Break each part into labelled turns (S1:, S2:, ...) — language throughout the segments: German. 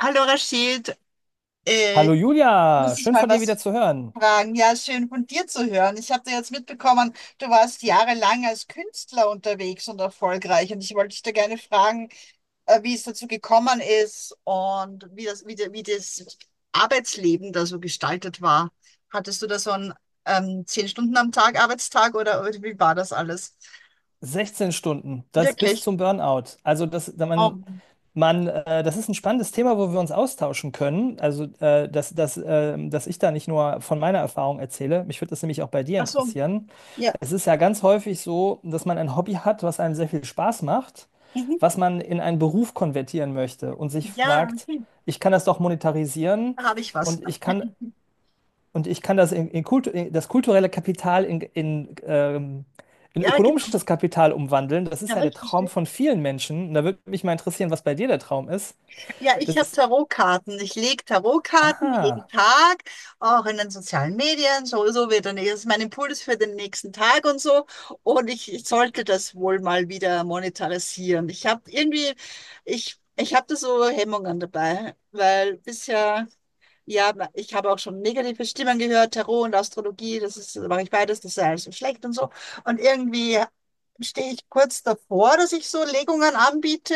S1: Hallo Rashid, äh,
S2: Hallo Julia,
S1: muss ich
S2: schön
S1: mal
S2: von dir wieder
S1: was
S2: zu hören.
S1: fragen? Ja, schön von dir zu hören. Ich habe da jetzt mitbekommen, du warst jahrelang als Künstler unterwegs und erfolgreich und ich wollte dich da gerne fragen, wie es dazu gekommen ist und wie das, wie das Arbeitsleben da so gestaltet war. Hattest du da so einen 10 Stunden am Tag Arbeitstag oder wie war das alles?
S2: 16 Stunden, das bis
S1: Wirklich?
S2: zum Burnout. Also das, da man,
S1: Oh.
S2: man, äh, das ist ein spannendes Thema, wo wir uns austauschen können. Also dass ich da nicht nur von meiner Erfahrung erzähle. Mich würde das nämlich auch bei dir
S1: Ach so,
S2: interessieren.
S1: ja.
S2: Es ist ja ganz häufig so, dass man ein Hobby hat, was einem sehr viel Spaß macht,
S1: Mhm.
S2: was man in einen Beruf konvertieren möchte und sich
S1: Ja,
S2: fragt,
S1: hm,
S2: ich kann das doch monetarisieren
S1: da habe ich was.
S2: und ich kann Und ich kann das in das kulturelle Kapital in
S1: Ja, genau.
S2: ökonomisches Kapital umwandeln. Das ist
S1: Ja,
S2: ja der
S1: ich
S2: Traum
S1: verstehe.
S2: von vielen Menschen. Und da würde mich mal interessieren, was bei dir der Traum ist.
S1: Ja, ich
S2: Das
S1: habe
S2: ist,
S1: Tarotkarten. Ich lege Tarotkarten jeden
S2: ah,
S1: Tag, auch in den sozialen Medien. So, so wird dann, das ist mein Impuls für den nächsten Tag und so. Und ich sollte das wohl mal wieder monetarisieren. Ich habe irgendwie, ich habe da so Hemmungen dabei, weil bisher, ja, ich habe auch schon negative Stimmen gehört, Tarot und Astrologie, das ist, mache ich beides, das ist ja alles so schlecht und so. Und irgendwie stehe ich kurz davor, dass ich so Legungen anbiete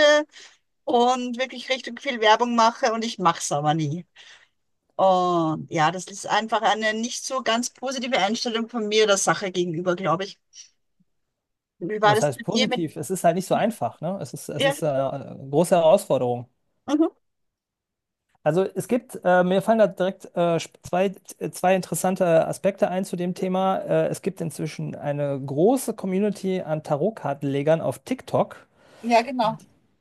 S1: und wirklich richtig viel Werbung mache und ich mache es aber nie. Und ja, das ist einfach eine nicht so ganz positive Einstellung von mir der Sache gegenüber, glaube ich. Wie war
S2: Was
S1: das
S2: heißt
S1: mit dir mit
S2: positiv? Es ist halt nicht so einfach, ne? Es ist, es
S1: ja,
S2: ist äh, eine große Herausforderung.
S1: mhm.
S2: Also es gibt, mir fallen da direkt zwei, zwei interessante Aspekte ein zu dem Thema. Es gibt inzwischen eine große Community an Tarotkartenlegern auf TikTok,
S1: Ja, genau.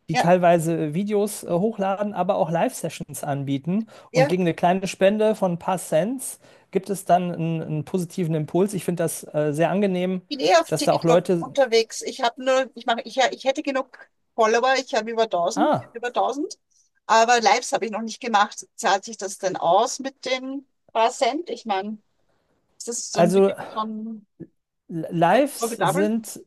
S2: die
S1: Ja,
S2: teilweise Videos hochladen, aber auch Live-Sessions anbieten. Und
S1: ja,
S2: gegen eine kleine Spende von ein paar Cents gibt es dann einen positiven Impuls. Ich finde das sehr angenehm,
S1: ich bin eh auf
S2: dass da auch
S1: TikTok
S2: Leute.
S1: unterwegs. Ich habe nur, ich mache, ich hätte genug Follower, ich habe
S2: Ah,
S1: über 1000, aber Lives habe ich noch nicht gemacht. Zahlt sich das denn aus mit den paar Cent? Ich meine, ist das so ein Ding
S2: also
S1: von
S2: Lives
S1: profitabel?
S2: sind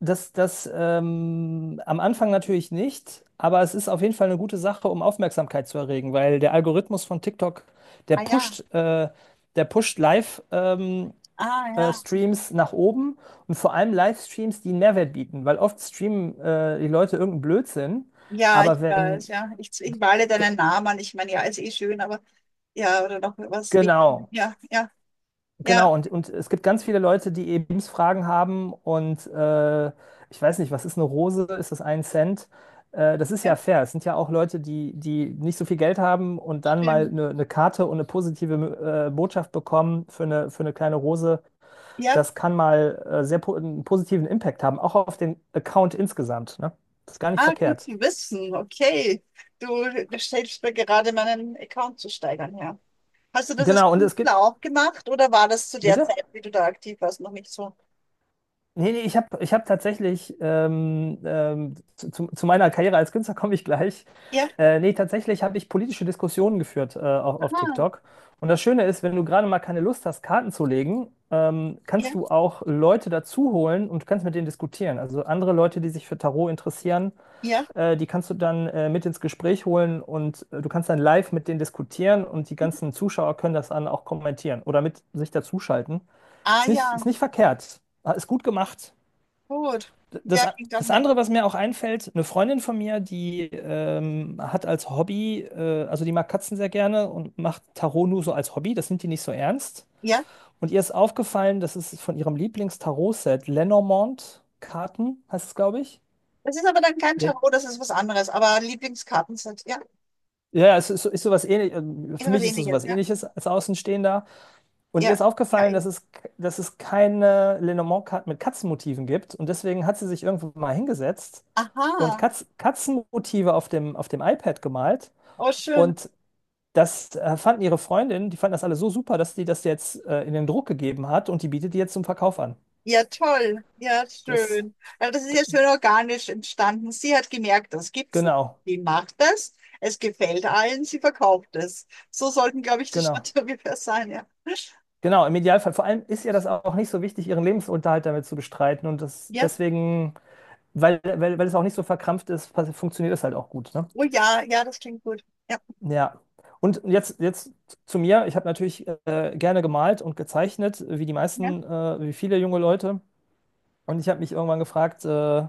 S2: das am Anfang natürlich nicht, aber es ist auf jeden Fall eine gute Sache, um Aufmerksamkeit zu erregen, weil der Algorithmus von TikTok, der
S1: Ah ja,
S2: pusht, äh, der pusht Live-Videos
S1: ah ja.
S2: Streams nach oben und vor allem Livestreams, die einen Mehrwert bieten, weil oft streamen die Leute irgendeinen Blödsinn,
S1: Ja, ich
S2: aber
S1: weiß,
S2: wenn,
S1: ja. Ich male
S2: d-
S1: deinen Namen an. Ich meine, ja, ist eh schön, aber ja, oder noch was wie.
S2: genau,
S1: Ja, ja, ja,
S2: genau, und es gibt ganz viele Leute, die eben Lebensfragen haben und ich weiß nicht, was ist eine Rose, ist das ein Cent? Das ist ja
S1: ja,
S2: fair. Es sind ja auch Leute, die, die nicht so viel Geld haben und dann mal
S1: stimmt.
S2: eine Karte und eine positive Botschaft bekommen für eine kleine Rose.
S1: Ja,
S2: Das kann mal sehr po einen positiven Impact haben, auch auf den Account insgesamt. Ne? Das ist gar nicht
S1: ah, gut
S2: verkehrt.
S1: zu wissen. Okay. Du stellst mir gerade meinen Account zu steigern, ja. Hast du das als
S2: Genau, und es gibt,
S1: Künstler auch gemacht oder war das zu der
S2: Bitte?
S1: Zeit, wie du da aktiv warst, noch nicht so?
S2: Nee, ich hab tatsächlich, zu meiner Karriere als Künstler komme ich gleich.
S1: Ja,
S2: Tatsächlich habe ich politische Diskussionen geführt auf
S1: ah,
S2: TikTok. Und das Schöne ist, wenn du gerade mal keine Lust hast, Karten zu legen, kannst
S1: ja,
S2: du auch Leute dazu holen und kannst mit denen diskutieren. Also andere Leute, die sich für Tarot interessieren,
S1: ja.
S2: die kannst du dann mit ins Gespräch holen und du kannst dann live mit denen diskutieren und die ganzen Zuschauer können das dann auch kommentieren oder mit sich dazuschalten.
S1: Ah,
S2: Ist
S1: ja,
S2: nicht verkehrt. Ah, ist gut gemacht.
S1: gut. Ja,
S2: Das,
S1: klingt auch
S2: das
S1: nett.
S2: andere, was mir auch einfällt, eine Freundin von mir, die hat als Hobby, also die mag Katzen sehr gerne und macht Tarot nur so als Hobby, das nimmt die nicht so ernst.
S1: Ja,
S2: Und ihr ist aufgefallen, das ist von ihrem Lieblings-Tarot-Set, Lenormand-Karten heißt es, glaube ich.
S1: das ist aber dann kein
S2: Le
S1: Tarot, das ist was anderes, aber Lieblingskartenset, ja,
S2: Ja, Es ist, so, ist sowas ähnlich,
S1: ist
S2: für
S1: was
S2: mich ist es
S1: ähnliches,
S2: sowas
S1: ja.
S2: ähnliches als Außenstehender. Und ihr
S1: Ja,
S2: ist
S1: ja,
S2: aufgefallen,
S1: ja.
S2: dass es keine lenormand mit Katzenmotiven gibt. Und deswegen hat sie sich irgendwann mal hingesetzt und
S1: Aha.
S2: Katzenmotive auf dem iPad gemalt.
S1: Oh, schön.
S2: Und das fanden ihre Freundinnen, die fanden das alle so super, dass die das jetzt in den Druck gegeben hat und die bietet die jetzt zum Verkauf an.
S1: Ja, toll. Ja,
S2: Das,
S1: schön. Ja, das ist ja
S2: d-
S1: schön organisch entstanden. Sie hat gemerkt, das gibt's nicht.
S2: genau,
S1: Die macht das. Es gefällt allen. Sie verkauft es. So sollten, glaube ich, die
S2: genau.
S1: Schritte ungefähr sein. Ja.
S2: Genau, im Idealfall. Vor allem ist ihr das auch nicht so wichtig, ihren Lebensunterhalt damit zu bestreiten. Und das,
S1: Ja.
S2: deswegen. Weil es auch nicht so verkrampft ist, funktioniert es halt auch gut, ne?
S1: Oh ja, ja, das klingt gut. Ja.
S2: Ja. Und jetzt zu mir. Ich habe natürlich gerne gemalt und gezeichnet, wie die
S1: Ja.
S2: meisten, wie viele junge Leute. Und ich habe mich irgendwann gefragt,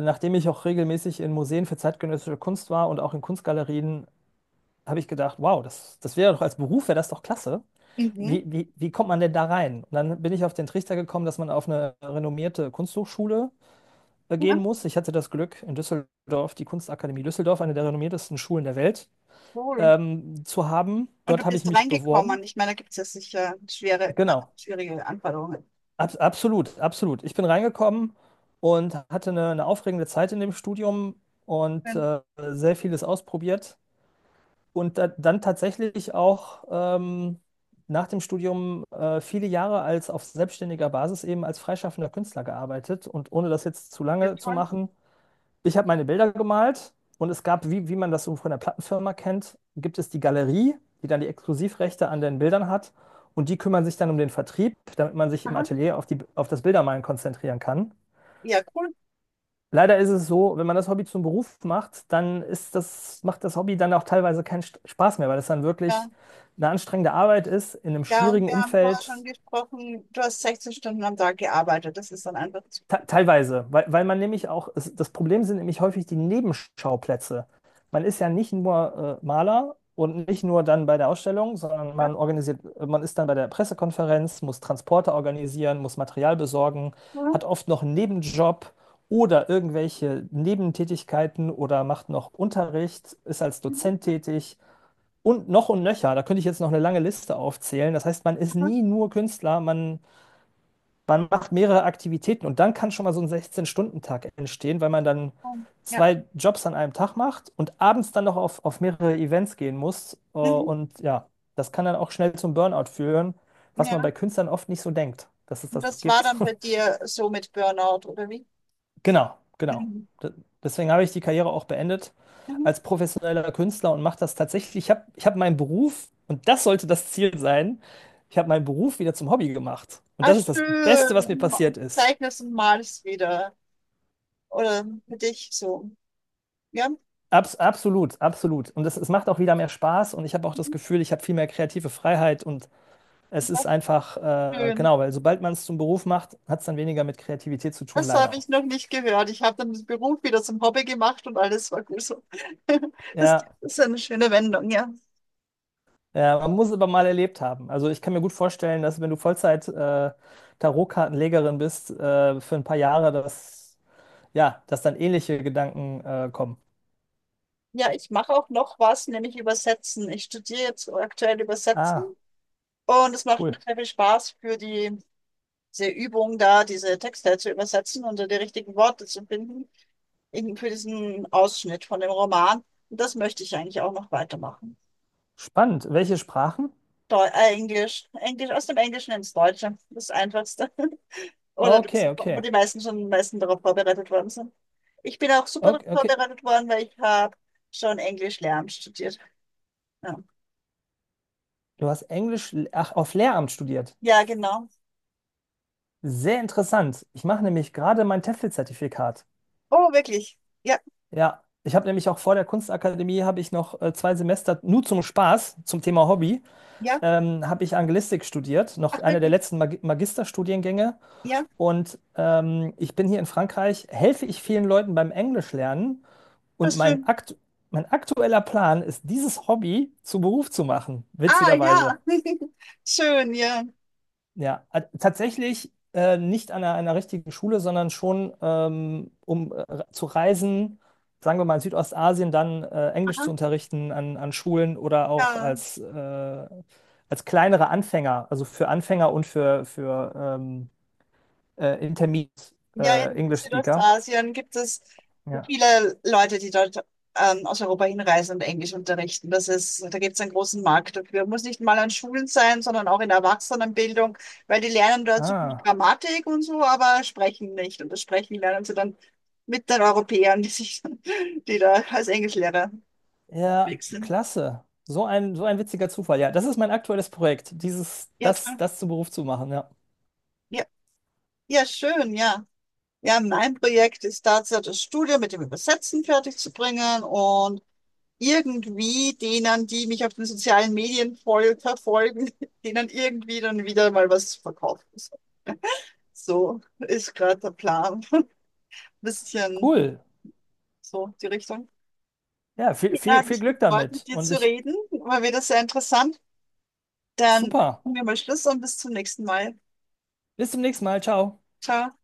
S2: nachdem ich auch regelmäßig in Museen für zeitgenössische Kunst war und auch in Kunstgalerien, habe ich gedacht, wow, das wäre doch als Beruf, wäre das doch klasse.
S1: Mhm.
S2: Wie kommt man denn da rein? Und dann bin ich auf den Trichter gekommen, dass man auf eine renommierte Kunsthochschule gehen
S1: Ja,
S2: muss. Ich hatte das Glück, in Düsseldorf, die Kunstakademie Düsseldorf, eine der renommiertesten Schulen der Welt,
S1: cool.
S2: zu haben.
S1: Und du
S2: Dort habe ich
S1: bist
S2: mich beworben.
S1: reingekommen. Ich meine, da gibt es ja sicher schwere,
S2: Genau,
S1: schwierige Anforderungen.
S2: Absolut, absolut. Ich bin reingekommen und hatte eine aufregende Zeit in dem Studium und
S1: Schön.
S2: sehr vieles ausprobiert. Und dann tatsächlich auch nach dem Studium viele Jahre als auf selbstständiger Basis eben als freischaffender Künstler gearbeitet. Und ohne das jetzt zu
S1: Ja,
S2: lange zu
S1: toll.
S2: machen, ich habe meine Bilder gemalt und es gab, wie man das so von der Plattenfirma kennt, gibt es die Galerie, die dann die Exklusivrechte an den Bildern hat und die kümmern sich dann um den Vertrieb, damit man sich im
S1: Aha.
S2: Atelier auf das Bildermalen konzentrieren kann.
S1: Ja, cool.
S2: Leider ist es so, wenn man das Hobby zum Beruf macht, dann ist das, macht das Hobby dann auch teilweise keinen Spaß mehr, weil es dann
S1: Ja.
S2: wirklich eine anstrengende Arbeit ist, in einem
S1: Ja, und
S2: schwierigen
S1: wir haben vorher schon
S2: Umfeld
S1: gesprochen, du hast 16 Stunden am Tag gearbeitet. Das ist dann einfach zu
S2: teilweise, weil man nämlich auch, es, das Problem sind nämlich häufig die Nebenschauplätze. Man ist ja nicht nur Maler und nicht nur dann bei der Ausstellung, sondern
S1: viel.
S2: man organisiert, man ist dann bei der Pressekonferenz, muss Transporte organisieren, muss Material besorgen,
S1: Oder?
S2: hat oft noch einen Nebenjob oder irgendwelche Nebentätigkeiten oder macht noch Unterricht, ist als
S1: Mhm.
S2: Dozent tätig und noch und nöcher. Da könnte ich jetzt noch eine lange Liste aufzählen. Das heißt, man ist nie nur Künstler, man macht mehrere Aktivitäten und dann kann schon mal so ein 16-Stunden-Tag entstehen, weil man dann
S1: Mhm. Ja.
S2: 2 Jobs an einem Tag macht und abends dann noch auf mehrere Events gehen muss. Äh,
S1: Mhm.
S2: Und ja, das kann dann auch schnell zum Burnout führen, was man
S1: Ja.
S2: bei Künstlern oft nicht so denkt, dass es
S1: Und
S2: das
S1: das war
S2: gibt.
S1: dann bei dir so mit Burnout, oder wie?
S2: Genau, genau.
S1: Mhm.
S2: D- Deswegen habe ich die Karriere auch beendet
S1: Mhm.
S2: als professioneller Künstler und mache das tatsächlich. Ich hab meinen Beruf, und das sollte das Ziel sein, ich habe meinen Beruf wieder zum Hobby gemacht. Und
S1: Ah,
S2: das ist das Beste,
S1: schön.
S2: was mir
S1: Und ma-
S2: passiert
S1: und
S2: ist.
S1: zeichnest und malst wieder. Oder für dich so. Ja,
S2: Absolut, absolut. Und es macht auch wieder mehr Spaß und ich habe auch das
S1: Mhm,
S2: Gefühl, ich habe viel mehr kreative Freiheit und es ist einfach,
S1: schön.
S2: genau, weil sobald man es zum Beruf macht, hat es dann weniger mit Kreativität zu tun,
S1: Das habe
S2: leider.
S1: ich noch nicht gehört. Ich habe dann den Beruf wieder zum Hobby gemacht und alles war gut so. Das
S2: Ja,
S1: ist eine schöne Wendung, ja.
S2: ja, man muss es aber mal erlebt haben. Also ich kann mir gut vorstellen, dass wenn du Vollzeit Tarotkartenlegerin bist, für ein paar Jahre, dass, ja, dass dann ähnliche Gedanken kommen.
S1: Ja, ich mache auch noch was, nämlich Übersetzen. Ich studiere jetzt aktuell Übersetzen
S2: Ah,
S1: und es macht mir
S2: cool.
S1: sehr viel Spaß für die, diese Übung da, diese Texte zu übersetzen und da die richtigen Worte zu finden, eben für diesen Ausschnitt von dem Roman. Und das möchte ich eigentlich auch noch weitermachen.
S2: Spannend. Welche Sprachen?
S1: Deu Englisch, Englisch, aus dem Englischen ins Deutsche, das Einfachste. Oder
S2: Okay,
S1: das, wo
S2: okay.
S1: die meisten schon am meisten darauf vorbereitet worden sind. Ich bin auch super darauf
S2: Okay, okay.
S1: vorbereitet worden, weil ich habe schon Englisch lernen studiert. Ja,
S2: Du hast Englisch, ach, auf Lehramt studiert.
S1: ja genau.
S2: Sehr interessant. Ich mache nämlich gerade mein TEFL-Zertifikat.
S1: Oh, wirklich? Ja,
S2: Ja, ich habe nämlich auch vor der Kunstakademie habe ich noch 2 Semester nur zum Spaß, zum Thema Hobby,
S1: ja.
S2: habe ich Anglistik studiert, noch
S1: Ach,
S2: einer der
S1: wirklich?
S2: letzten Magisterstudiengänge.
S1: Ja,
S2: Und ich bin hier in Frankreich, helfe ich vielen Leuten beim Englisch lernen.
S1: das
S2: Und
S1: ist schön.
S2: Mein aktueller Plan ist, dieses Hobby zu Beruf zu machen,
S1: Ah, ja.
S2: witzigerweise.
S1: Schön, ja.
S2: Ja, tatsächlich nicht an einer richtigen Schule, sondern schon, um zu reisen, sagen wir mal in Südostasien, dann Englisch
S1: Aha,
S2: zu unterrichten an, an Schulen oder auch
S1: ja.
S2: als, als kleinere Anfänger, also für Anfänger und für Intermediate
S1: Ja, in
S2: English Speaker.
S1: Südostasien gibt es
S2: Ja.
S1: viele Leute, die dort aus Europa hinreisen und Englisch unterrichten. Das ist, da gibt es einen großen Markt dafür. Muss nicht mal an Schulen sein, sondern auch in der Erwachsenenbildung, weil die lernen dort so viel
S2: Ah,
S1: Grammatik und so, aber sprechen nicht. Und das Sprechen lernen sie dann mit den Europäern, die sich, die da als Englischlehrer
S2: ja,
S1: unterwegs sind.
S2: klasse. So ein witziger Zufall. Ja, das ist mein aktuelles Projekt, dieses,
S1: Ja,
S2: das,
S1: toll.
S2: das zum Beruf zu machen. Ja,
S1: Ja. Ja, schön, ja. Ja, mein Projekt ist tatsächlich das Studium mit dem Übersetzen fertig zu bringen und irgendwie denen, die mich auf den sozialen Medien voll verfolgen, denen irgendwie dann wieder mal was verkaufen. So ist gerade der Plan. Bisschen
S2: cool.
S1: so die Richtung.
S2: Ja, viel,
S1: Ja,
S2: viel,
S1: hat
S2: viel
S1: mich
S2: Glück
S1: gefreut, mit
S2: damit.
S1: dir
S2: Und
S1: zu
S2: ich
S1: reden. War wieder sehr interessant. Dann
S2: Super.
S1: machen wir mal Schluss und bis zum nächsten Mal.
S2: Bis zum nächsten Mal. Ciao.
S1: Ciao.